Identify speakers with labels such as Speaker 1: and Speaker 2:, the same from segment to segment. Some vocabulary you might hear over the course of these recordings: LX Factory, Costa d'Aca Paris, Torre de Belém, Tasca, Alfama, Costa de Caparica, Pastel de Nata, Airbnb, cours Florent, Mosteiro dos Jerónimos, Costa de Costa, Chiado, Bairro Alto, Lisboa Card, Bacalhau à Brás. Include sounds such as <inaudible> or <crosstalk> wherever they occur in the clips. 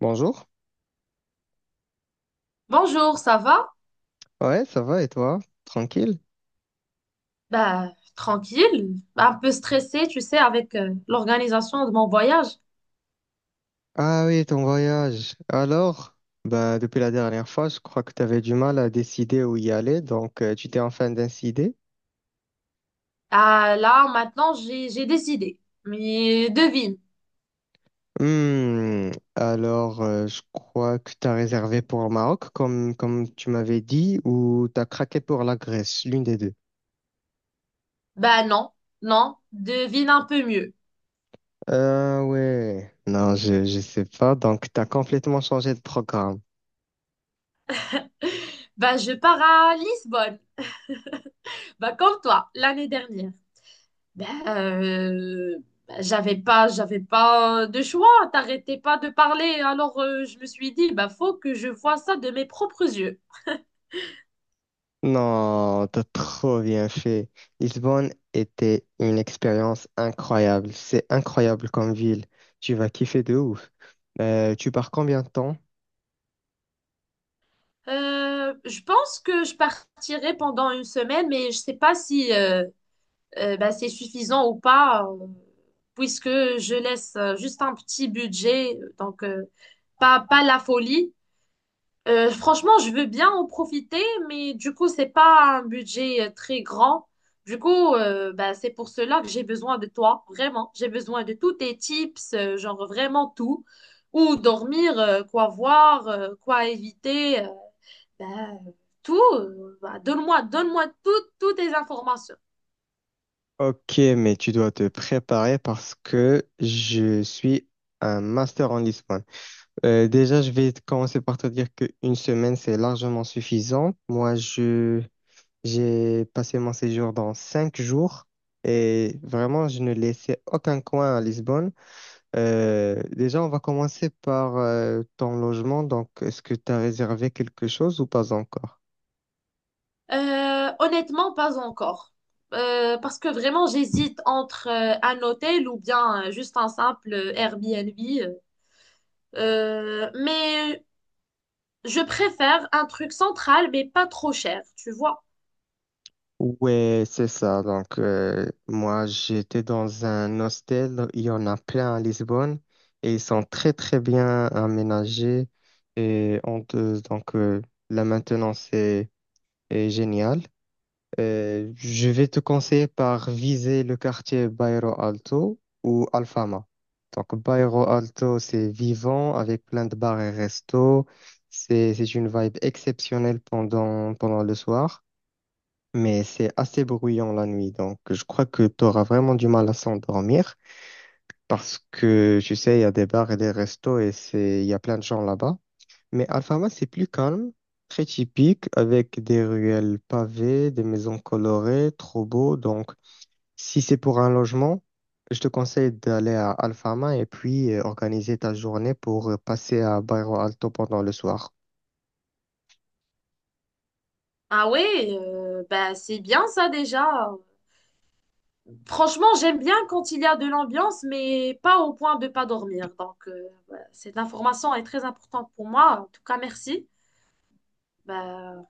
Speaker 1: Bonjour.
Speaker 2: Bonjour, ça va?
Speaker 1: Ouais, ça va et toi? Tranquille?
Speaker 2: Ben, tranquille, un peu stressée, tu sais, avec l'organisation de mon voyage.
Speaker 1: Ah oui, ton voyage. Alors, bah, depuis la dernière fois, je crois que tu avais du mal à décider où y aller, donc tu t'es enfin décidé.
Speaker 2: Ah, là, maintenant, j'ai des idées. Mais devine.
Speaker 1: Hmm, alors, je crois que tu as réservé pour le Maroc, comme tu m'avais dit, ou tu as craqué pour la Grèce, l'une des deux.
Speaker 2: Ben non, non, devine un peu mieux.
Speaker 1: Ah ouais, non, je sais pas, donc tu as complètement changé de programme.
Speaker 2: Ben, je pars à Lisbonne. Ben, comme toi, l'année dernière. Ben, j'avais pas de choix. T'arrêtais pas de parler. Alors, je me suis dit, ben, faut que je vois ça de mes propres yeux.
Speaker 1: Non, t'as trop bien fait. Lisbonne était une expérience incroyable. C'est incroyable comme ville. Tu vas kiffer de ouf. Tu pars combien de temps?
Speaker 2: Je pense que je partirai pendant une semaine, mais je sais pas si bah, c'est suffisant ou pas, puisque je laisse juste un petit budget, donc pas, pas la folie. Franchement, je veux bien en profiter, mais du coup, c'est pas un budget très grand. Du coup, bah, c'est pour cela que j'ai besoin de toi, vraiment. J'ai besoin de tous tes tips, genre vraiment tout. Où dormir, quoi voir, quoi éviter. Ben, Tout, bah, donne-moi, donne-moi toutes, toutes les informations.
Speaker 1: Ok, mais tu dois te préparer parce que je suis un master en Lisbonne. Déjà, je vais commencer par te dire qu'une semaine, c'est largement suffisant. Moi, je j'ai passé mon séjour dans 5 jours et vraiment, je ne laissais aucun coin à Lisbonne. Déjà, on va commencer par ton logement. Donc, est-ce que tu as réservé quelque chose ou pas encore?
Speaker 2: Honnêtement, pas encore. Parce que vraiment, j'hésite entre un hôtel ou bien juste un simple Airbnb. Euh, mais je préfère un truc central, mais pas trop cher, tu vois.
Speaker 1: Ouais, c'est ça. Donc, moi, j'étais dans un hostel. Il y en a plein à Lisbonne et ils sont très bien aménagés. Et on te- donc, la maintenance est géniale. Je vais te conseiller par viser le quartier Bairro Alto ou Alfama. Donc, Bairro Alto, c'est vivant avec plein de bars et restos. C'est une vibe exceptionnelle pendant le soir, mais c'est assez bruyant la nuit. Donc, je crois que tu auras vraiment du mal à s'endormir parce que, tu sais, il y a des bars et des restos et il y a plein de gens là-bas. Mais Alfama, c'est plus calme, très typique, avec des ruelles pavées, des maisons colorées, trop beau. Donc, si c'est pour un logement, je te conseille d'aller à Alfama et puis organiser ta journée pour passer à Bairro Alto pendant le soir.
Speaker 2: Ah ouais, bah, c'est bien ça déjà. Franchement, j'aime bien quand il y a de l'ambiance, mais pas au point de pas dormir. Donc, voilà, cette information est très importante pour moi. En tout cas, merci. Bah,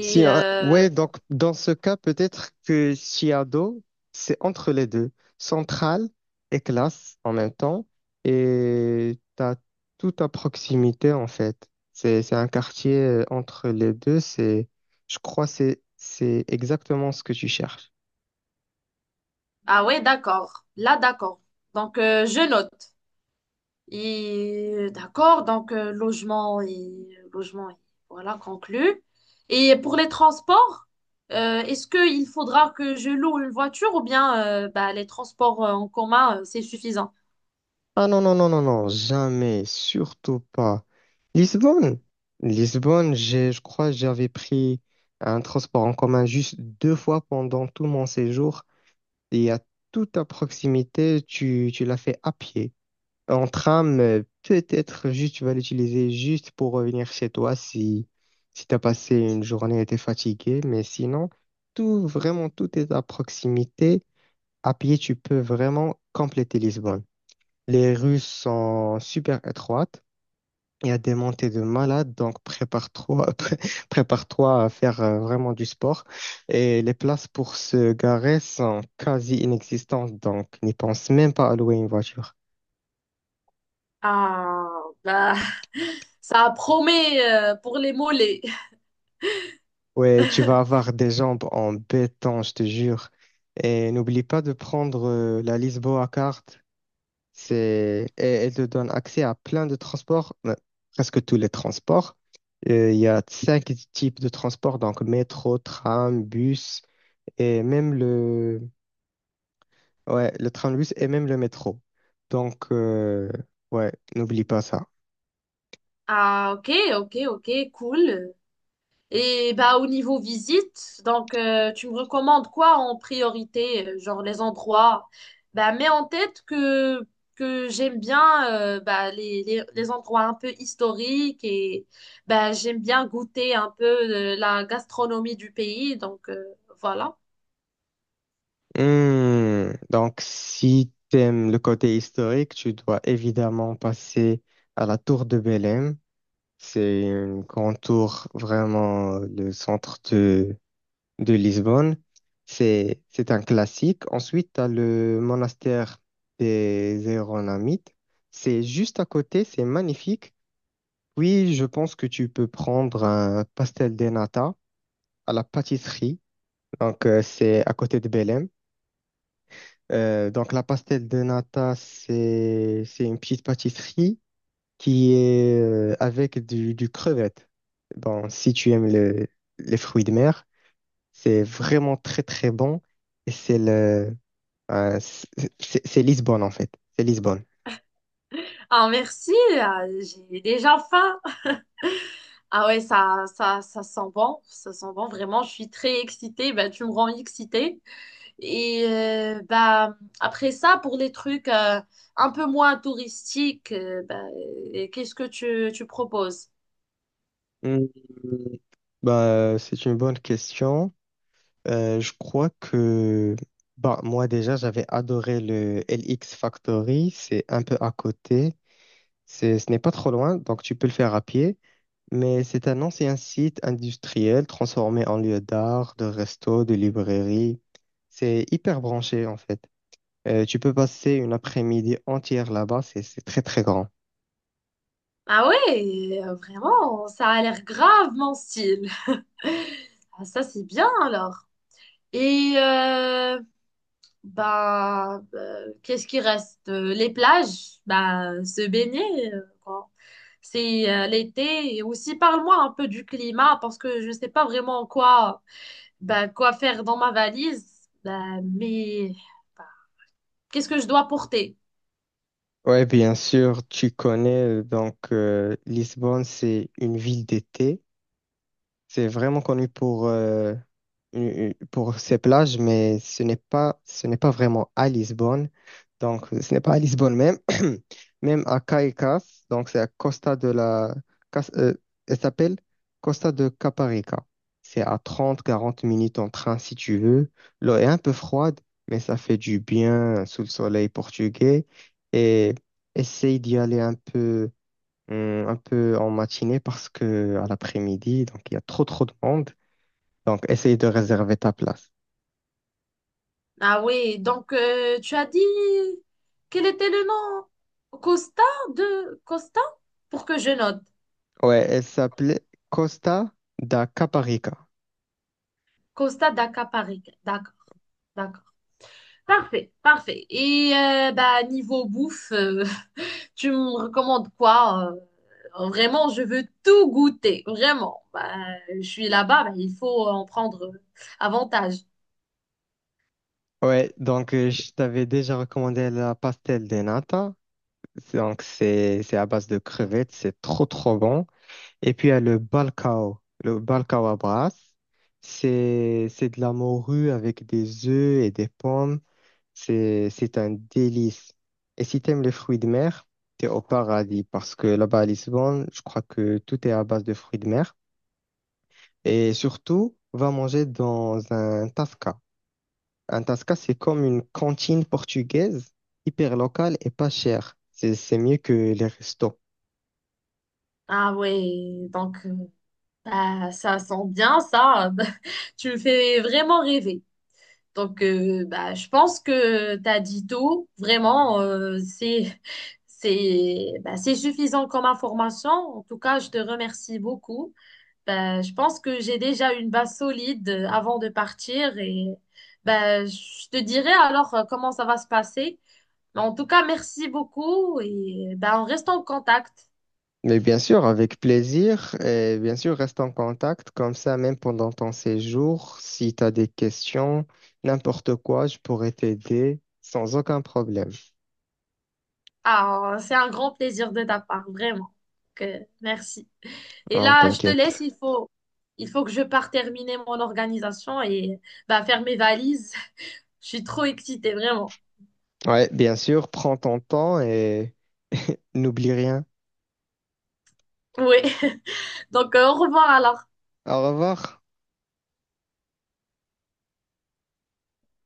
Speaker 1: Si,
Speaker 2: euh,
Speaker 1: ouais, donc dans ce cas, peut-être que Chiado, c'est entre les deux, centrale et classe en même temps, et t'as tout à proximité en fait. C'est un quartier entre les deux, c'est, je crois, c'est exactement ce que tu cherches.
Speaker 2: ah ouais, d'accord. Là, d'accord. Donc, je note. Et d'accord, donc logement et logement, et voilà, conclu. Et pour les transports, est-ce qu'il faudra que je loue une voiture ou bien bah, les transports en commun, c'est suffisant?
Speaker 1: Ah non, non, non, non, non, jamais, surtout pas. Lisbonne, Lisbonne, je crois que j'avais pris un transport en commun juste 2 fois pendant tout mon séjour. Et à toute à proximité, tu l'as fait à pied. En tram, peut-être juste tu vas l'utiliser juste pour revenir chez toi si, si tu as passé une journée et t'es fatigué. Mais sinon, tout, vraiment, tout est à proximité. À pied, tu peux vraiment compléter Lisbonne. Les rues sont super étroites. Il y a des montées de malades, donc prépare-toi, <laughs> prépare-toi à faire vraiment du sport. Et les places pour se garer sont quasi inexistantes, donc n'y pense même pas à louer une voiture.
Speaker 2: Ah, bah, <laughs> ça promet pour les mollets.
Speaker 1: Ouais, tu vas
Speaker 2: <laughs>
Speaker 1: avoir des jambes en béton, je te jure. Et n'oublie pas de prendre la Lisboa Card. C'est, et elle te donne accès à plein de transports, presque tous les transports. Il y a 5 types de transports, donc métro, tram, bus et même le, ouais, le tram, bus et même le métro. Donc, ouais, n'oublie pas ça.
Speaker 2: Ah, ok, ok, ok, cool. Et bah, au niveau visite, donc tu me recommandes quoi en priorité, genre les endroits? Bah, mets en tête que j'aime bien bah, les endroits un peu historiques et bah, j'aime bien goûter un peu la gastronomie du pays. Donc voilà.
Speaker 1: Hmm, donc, si t'aimes le côté historique, tu dois évidemment passer à la tour de Belém. C'est une grande tour, vraiment le centre de Lisbonne. C'est un classique. Ensuite, tu as le monastère des Héronnamites. C'est juste à côté, c'est magnifique. Oui, je pense que tu peux prendre un pastel de nata à la pâtisserie. Donc, c'est à côté de Belém. Donc, la pastel de nata, c'est une petite pâtisserie qui est avec du crevette. Bon, si tu aimes le- les fruits de mer, c'est vraiment très bon. Et c'est le, c'est Lisbonne, en fait. C'est Lisbonne.
Speaker 2: Ah merci, ah, j'ai déjà faim. Ah ouais, ça, ça sent bon, vraiment, je suis très excitée. Bah, tu me rends excitée. Et bah, après ça, pour les trucs un peu moins touristiques, bah, qu'est-ce que tu proposes?
Speaker 1: Hmm, bah, c'est une bonne question. Je crois que bah, moi déjà, j'avais adoré le LX Factory. C'est un peu à côté. C'est, ce n'est pas trop loin, donc tu peux le faire à pied. Mais c'est un ancien site industriel transformé en lieu d'art, de resto, de librairie. C'est hyper branché en fait. Tu peux passer une après-midi entière là-bas. C'est très grand.
Speaker 2: Ah ouais, vraiment, ça a l'air grave mon style. <laughs> Ah, ça, c'est bien alors. Et qu'est-ce qui reste? Les plages, bah, se baigner, quoi. C'est l'été. Et aussi, parle-moi un peu du climat parce que je ne sais pas vraiment en quoi. Bah, quoi faire dans ma valise? Bah, mais bah, qu'est-ce que je dois porter?
Speaker 1: Ouais, bien sûr, tu connais. Donc, Lisbonne, c'est une ville d'été. C'est vraiment connu pour ces plages, mais ce n'est pas vraiment à Lisbonne. Donc, ce n'est pas à Lisbonne même, <clears throat> même à Caicas. Donc, c'est à Costa de la... Cas- euh, elle s'appelle Costa de Caparica. C'est à 30 40 minutes en train si tu veux. L'eau est un peu froide, mais ça fait du bien sous le soleil portugais. Et essaye d'y aller un peu en matinée parce que à l'après-midi, donc il y a trop de monde. Donc, essaye de réserver ta place.
Speaker 2: Ah oui, donc tu as dit quel était le nom? Costa de Costa? Pour que je note.
Speaker 1: Ouais, elle s'appelait Costa da Caparica.
Speaker 2: Costa d'Aca Paris. D'accord, d'accord. Parfait, parfait. Et bah, niveau bouffe, <laughs> tu me recommandes quoi? Vraiment, je veux tout goûter. Vraiment. Bah, je suis là-bas, bah, il faut en prendre avantage.
Speaker 1: Ouais, donc je t'avais déjà recommandé la pastel de nata. Donc, c'est à base de crevettes, c'est trop bon. Et puis il y a le balcao. Le balcao à Brasse, c'est de la morue avec des œufs et des pommes. C'est un délice. Et si t'aimes les fruits de mer, t'es au paradis parce que là-bas à Lisbonne, je crois que tout est à base de fruits de mer. Et surtout, va manger dans un tasca. Un tasca, c'est comme une cantine portugaise, hyper locale et pas chère. C'est mieux que les restos.
Speaker 2: Ah oui, donc. Bah, ça sent bien ça. <laughs> Tu me fais vraiment rêver. Donc, bah, je pense que t'as dit tout. Vraiment, c'est, bah, c'est suffisant comme information. En tout cas, je te remercie beaucoup. Bah, je pense que j'ai déjà une base solide avant de partir et bah, je te dirai alors comment ça va se passer. Mais en tout cas, merci beaucoup et bah, on reste en contact.
Speaker 1: Mais bien sûr, avec plaisir. Et bien sûr, reste en contact comme ça, même pendant ton séjour. Si tu as des questions, n'importe quoi, je pourrais t'aider sans aucun problème.
Speaker 2: Ah, c'est un grand plaisir de ta part, vraiment. Que, merci. Et
Speaker 1: Non,
Speaker 2: là, je te laisse,
Speaker 1: t'inquiète.
Speaker 2: il faut que je parte terminer mon organisation et bah, faire mes valises. <laughs> Je suis trop excitée, vraiment.
Speaker 1: Ouais, bien sûr, prends ton temps et <laughs> n'oublie rien.
Speaker 2: Oui. <laughs> Donc, au revoir alors.
Speaker 1: Au revoir.